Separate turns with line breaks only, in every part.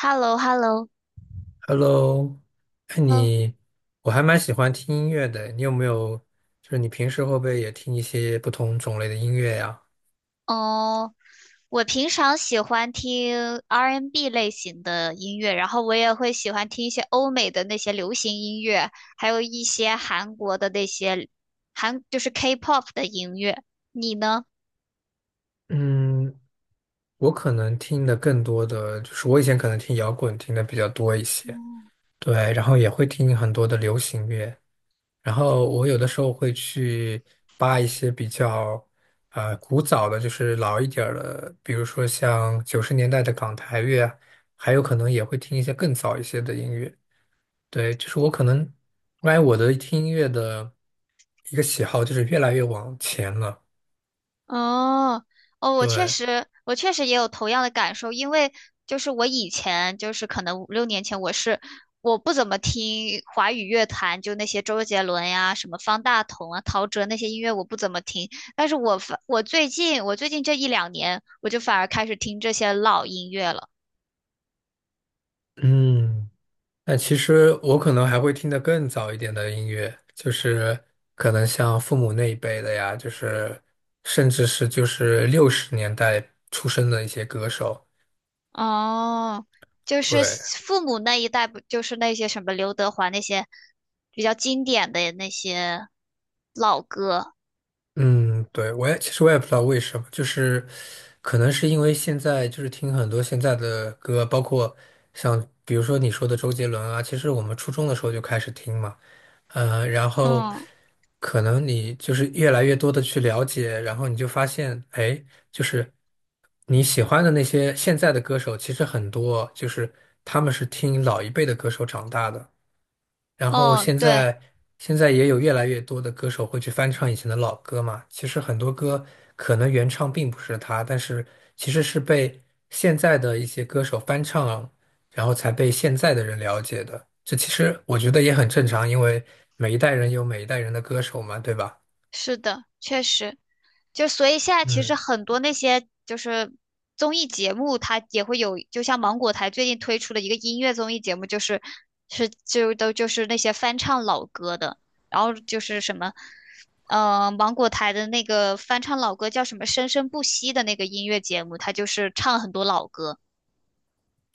h e l l o h e l l o
Hello。哎，
呃，
你，我还蛮喜欢听音乐的。你有没有，就是你平时会不会也听一些不同种类的音乐呀？
哦，我平常喜欢听 R&B N 类型的音乐，然后我也会喜欢听一些欧美的那些流行音乐，还有一些韩国的那些就是 K-pop 的音乐。你呢？
嗯，我可能听的更多的就是我以前可能听摇滚听的比较多一些。对，然后也会听很多的流行乐，然后我有的时候会去扒一些比较古早的，就是老一点儿的，比如说像90年代的港台乐啊，还有可能也会听一些更早一些的音乐。对，就是我可能，我感觉我的听音乐的一个喜好就是越来越往前了。
哦，哦,
对。
我确实也有同样的感受，因为我以前可能五六年前，我不怎么听华语乐坛，就那些周杰伦呀、什么方大同啊、陶喆那些音乐我不怎么听，但是我最近这一两年，我就反而开始听这些老音乐了。
嗯，但其实我可能还会听得更早一点的音乐，就是可能像父母那一辈的呀，就是甚至是就是60年代出生的一些歌手。
哦，就是
对。
父母那一代，不就是那些什么刘德华那些比较经典的那些老歌。
嗯，对，其实我也不知道为什么，就是可能是因为现在就是听很多现在的歌，包括像比如说你说的周杰伦啊，其实我们初中的时候就开始听嘛。然后
嗯。
可能你就是越来越多的去了解，然后你就发现，哎，就是你喜欢的那些现在的歌手，其实很多就是他们是听老一辈的歌手长大的。然后
哦，
现
对。
在现在也有越来越多的歌手会去翻唱以前的老歌嘛。其实很多歌可能原唱并不是他，但是其实是被现在的一些歌手翻唱，然后才被现在的人了解的。这其实我觉得也很正常，因为每一代人有每一代人的歌手嘛，对吧？
是的，确实，就所以现在其实
嗯。
很多那些就是综艺节目，它也会有，就像芒果台最近推出了一个音乐综艺节目，就是那些翻唱老歌的，然后就是什么，呃，芒果台的那个翻唱老歌叫什么《生生不息》的那个音乐节目，它就是唱很多老歌。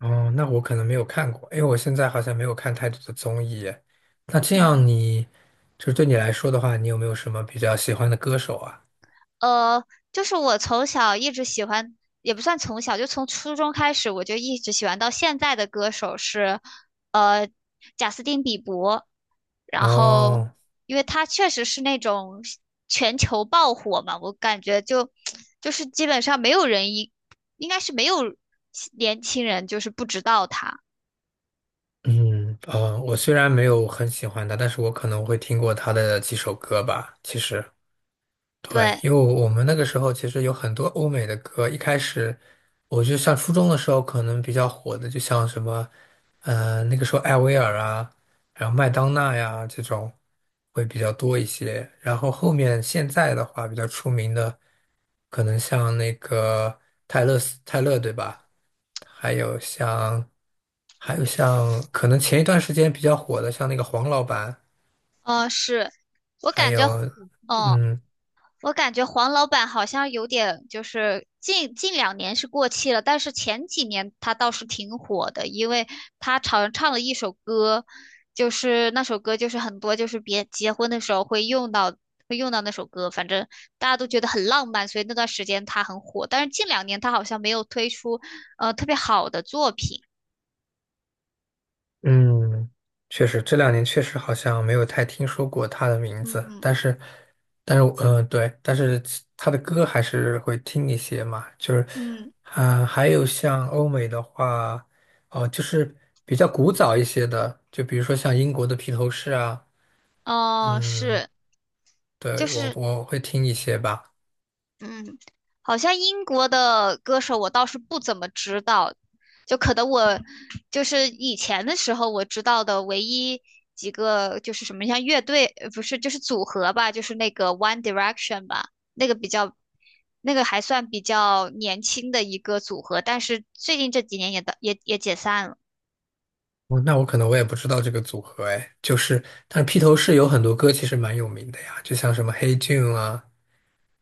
哦，那我可能没有看过，因为我现在好像没有看太多的综艺耶。那这样
嗯。
你，就是对你来说的话，你有没有什么比较喜欢的歌手啊？
呃，就是我从小一直喜欢，也不算从小，就从初中开始，我就一直喜欢到现在的歌手是，呃，贾斯汀·比伯。然后，
哦。
因为他确实是那种全球爆火嘛，我感觉就 就是基本上没有人一，应该是没有年轻人就是不知道他。
嗯，啊，我虽然没有很喜欢他，但是我可能会听过他的几首歌吧。其实，对，
对。
因为我们那个时候其实有很多欧美的歌，一开始我就得上初中的时候可能比较火的，就像什么，那个时候艾薇儿啊，然后麦当娜呀这种会比较多一些。然后后面现在的话比较出名的，可能像那个泰勒对吧？还有像，还有像，可能前一段时间比较火的，像那个黄老板。
嗯、是。我
还
感觉。
有，
嗯、
嗯
我感觉黄老板好像有点，就是近两年是过气了，但是前几年他倒是挺火的，因为他常唱了一首歌，就是那首歌就是很多就是别结婚的时候会用到那首歌，反正大家都觉得很浪漫，所以那段时间他很火。但是近两年他好像没有推出特别好的作品。
嗯，确实这两年确实好像没有太听说过他的名字，
嗯。
但是，但是，对，但是他的歌还是会听一些嘛，就是，
嗯，
啊、还有像欧美的话，哦、就是比较古早一些的，就比如说像英国的披头士啊，
哦，
嗯，
是，就
对，我
是。
我会听一些吧。
嗯，好像英国的歌手我倒是不怎么知道，就可能我就是以前的时候我知道的唯一几个就是什么像乐队，不是就是组合吧，就是那个 One Direction 吧，那个比较，那个还算比较年轻的一个组合，但是最近这几年也的也也解散了。
哦，那我可能我也不知道这个组合哎，就是，但是披头士有很多歌其实蛮有名的呀，就像什么《Hey Jude》啊，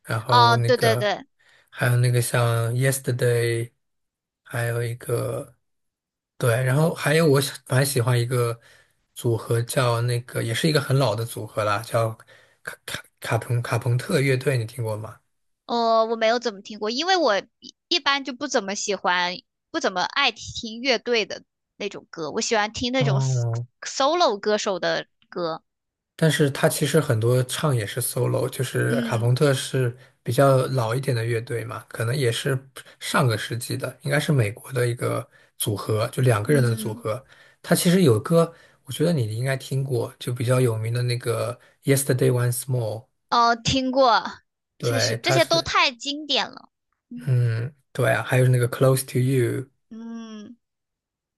然后
哦，
那
对对
个，
对。
还有那个像《Yesterday》，还有一个。对，然后还有蛮喜欢一个组合叫那个，也是一个很老的组合啦，叫卡朋特乐队，你听过吗？
我没有怎么听过，因为我一般就不怎么喜欢，不怎么爱听乐队的那种歌，我喜欢听那种
哦，
solo 歌手的歌。
但是他其实很多唱也是 solo，就是卡
嗯。
朋特是比较老一点的乐队嘛，可能也是上个世纪的，应该是美国的一个组合，就两个人的组
嗯，
合。他其实有歌，我觉得你应该听过，就比较有名的那个《Yesterday Once More》。
哦，听过，确实
对，
这
他
些都
是，
太经典了。嗯。
嗯，对啊，还有那个《Close to You》，
嗯，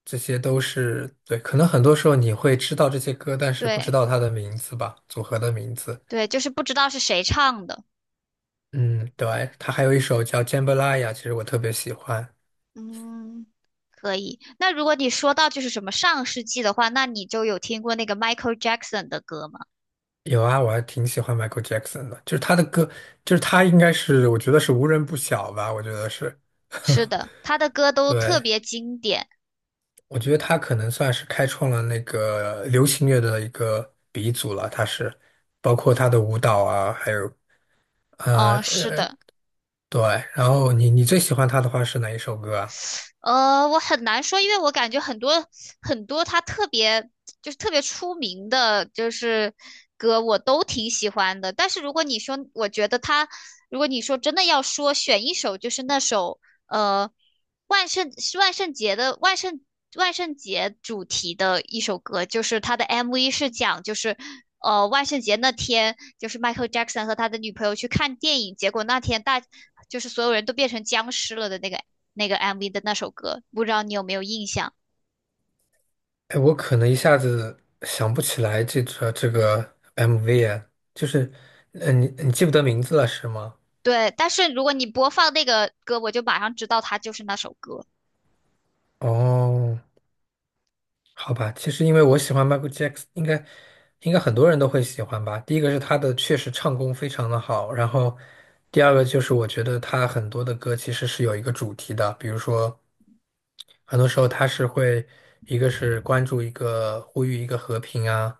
这些都是，对，可能很多时候你会知道这些歌，但是不
对
知道他的名字吧，组合的名字。
对，就是不知道是谁唱的。
嗯，对，他还有一首叫《Jambalaya》，其实我特别喜欢。
嗯，可以。那如果你说到就是什么上世纪的话，那你就有听过那个 Michael Jackson 的歌吗？
有啊，我还挺喜欢 Michael Jackson 的，就是他的歌，就是他应该是，我觉得是无人不晓吧，我觉得是。
是 的，他的歌都特
对，
别经典。
我觉得他可能算是开创了那个流行乐的一个鼻祖了，他是，包括他的舞蹈啊，还有呃
嗯，是
呃，
的，
对。然后你最喜欢他的话是哪一首歌啊？
我很难说，因为我感觉很多他特别就是特别出名的，就是歌我都挺喜欢的。但是如果你说，我觉得他，如果你说真的要说选一首，就是那首呃万圣是万圣节的万圣万圣节主题的一首歌，就是他的 MV 是讲就是。万圣节那天，就是 Michael Jackson 和他的女朋友去看电影，结果那天就是所有人都变成僵尸了的那个 MV 的那首歌，不知道你有没有印象？
哎，我可能一下子想不起来这个 MV 啊，就是，嗯，你记不得名字了是吗？
对，但是如果你播放那个歌，我就马上知道它就是那首歌。
哦，好吧，其实因为我喜欢 Michael Jackson，应该很多人都会喜欢吧。第一个是他的确实唱功非常的好，然后第二个就是我觉得他很多的歌其实是有一个主题的，比如说很多时候他是会一个是关注一个呼吁一个和平啊。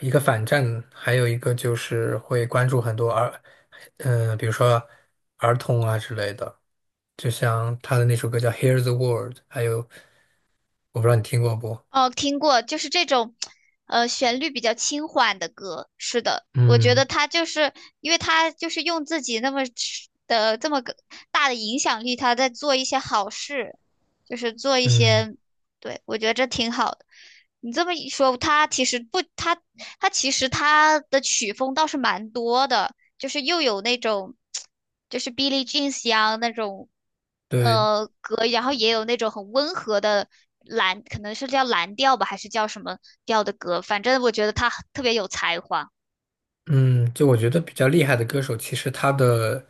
一个反战，还有一个就是会关注很多儿，比如说儿童啊之类的，就像他的那首歌叫《Hear the World》，还有我不知道你听过不？
哦，听过，就是这种，旋律比较轻缓的歌。是的，我觉得
嗯
他就是，因为他就是用自己那么的这么个大的影响力，他在做一些好事，就是做一
嗯，
些，对，我觉得这挺好的。你这么一说，他其实不，他他其实他的曲风倒是蛮多的。就是又有那种就是 Billie Jean 香那种
对。
歌，然后也有那种很温和的可能是叫蓝调吧，还是叫什么调的歌，反正我觉得他特别有才华。
嗯，就我觉得比较厉害的歌手，其实他的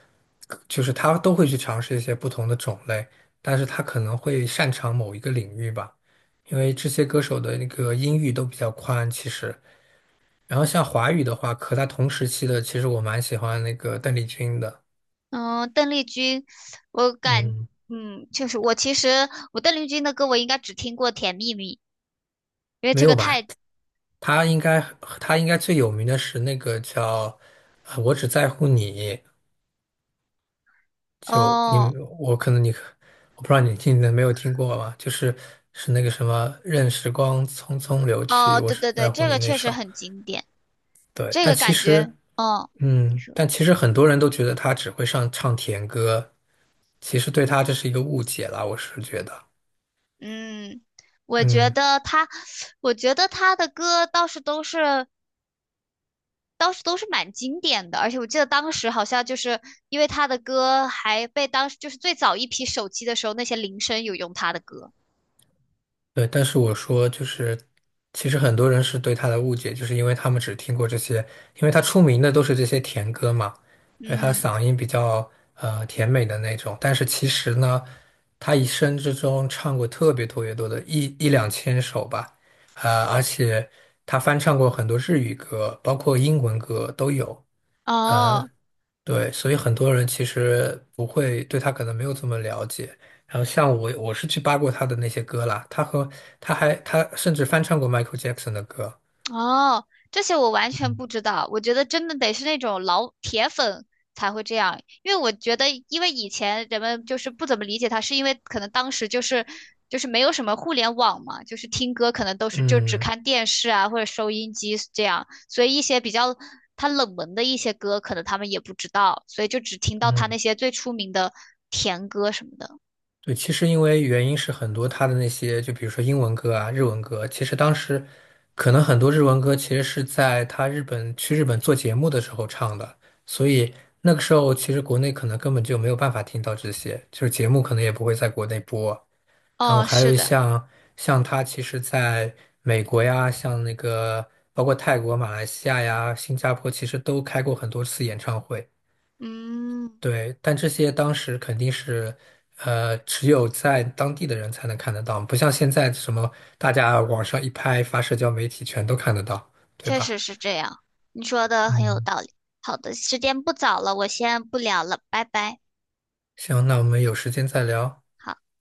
就是他都会去尝试一些不同的种类，但是他可能会擅长某一个领域吧，因为这些歌手的那个音域都比较宽，其实。然后像华语的话，和他同时期的，其实我蛮喜欢那个邓丽君的。
嗯，邓丽君，我感，
嗯，
嗯，就是我其实我邓丽君的歌我应该只听过《甜蜜蜜》，因为
没
这
有
个
吧？
太。
他应该他应该最有名的是那个叫《我只在乎你》。就你
哦
我可能你我不知道你听没有听过吧？就是是那个什么“任时光匆匆流去，
哦,
我
对
只
对对，
在乎
这
你”
个
那
确实
首。
很经典，
对，
这
但
个
其
感
实
觉，嗯。
嗯，但其实很多人都觉得他只会上唱甜歌，其实对他这是一个误解啦，我是觉得。
嗯，我觉
嗯。
得他，我觉得他的歌倒是都是蛮经典的，而且我记得当时好像就是因为他的歌还被当时就是最早一批手机的时候那些铃声有用他的歌。
对，但是我说就是，其实很多人是对他的误解，就是因为他们只听过这些，因为他出名的都是这些甜歌嘛，因为他
嗯。
嗓音比较甜美的那种。但是其实呢，他一生之中唱过特别特别多的一2000首吧。而且他翻唱过很多日语歌，包括英文歌都有。呃，
哦。
对，所以很多人其实不会对他可能没有这么了解。然后像我，我是去扒过他的那些歌啦，他和他还他甚至翻唱过 Michael Jackson 的歌。
哦，这些我完全
嗯，
不知道。我觉得真的得是那种老铁粉才会这样，因为我觉得，因为以前人们就是不怎么理解他，是因为可能当时就是就是没有什么互联网嘛，就是听歌可能都是就只
嗯
看电视啊或者收音机这样，所以一些比较他冷门的一些歌，可能他们也不知道，所以就只听到他那
嗯，
些最出名的甜歌什么的。
对，其实因为原因是很多，他的那些就比如说英文歌啊、日文歌，其实当时可能很多日文歌其实是在他日本去日本做节目的时候唱的，所以那个时候其实国内可能根本就没有办法听到这些，就是节目可能也不会在国内播。然后
哦，
还
是
有
的。
像他其实在美国呀，像那个包括泰国、马来西亚呀、新加坡，其实都开过很多次演唱会。
嗯。
对，但这些当时肯定是，只有在当地的人才能看得到，不像现在什么大家网上一拍发社交媒体全都看得到，对
确
吧？
实是这样，你说的很有
嗯，
道理。好的，时间不早了，我先不聊了，拜拜。
行，那我们有时间再聊。
好。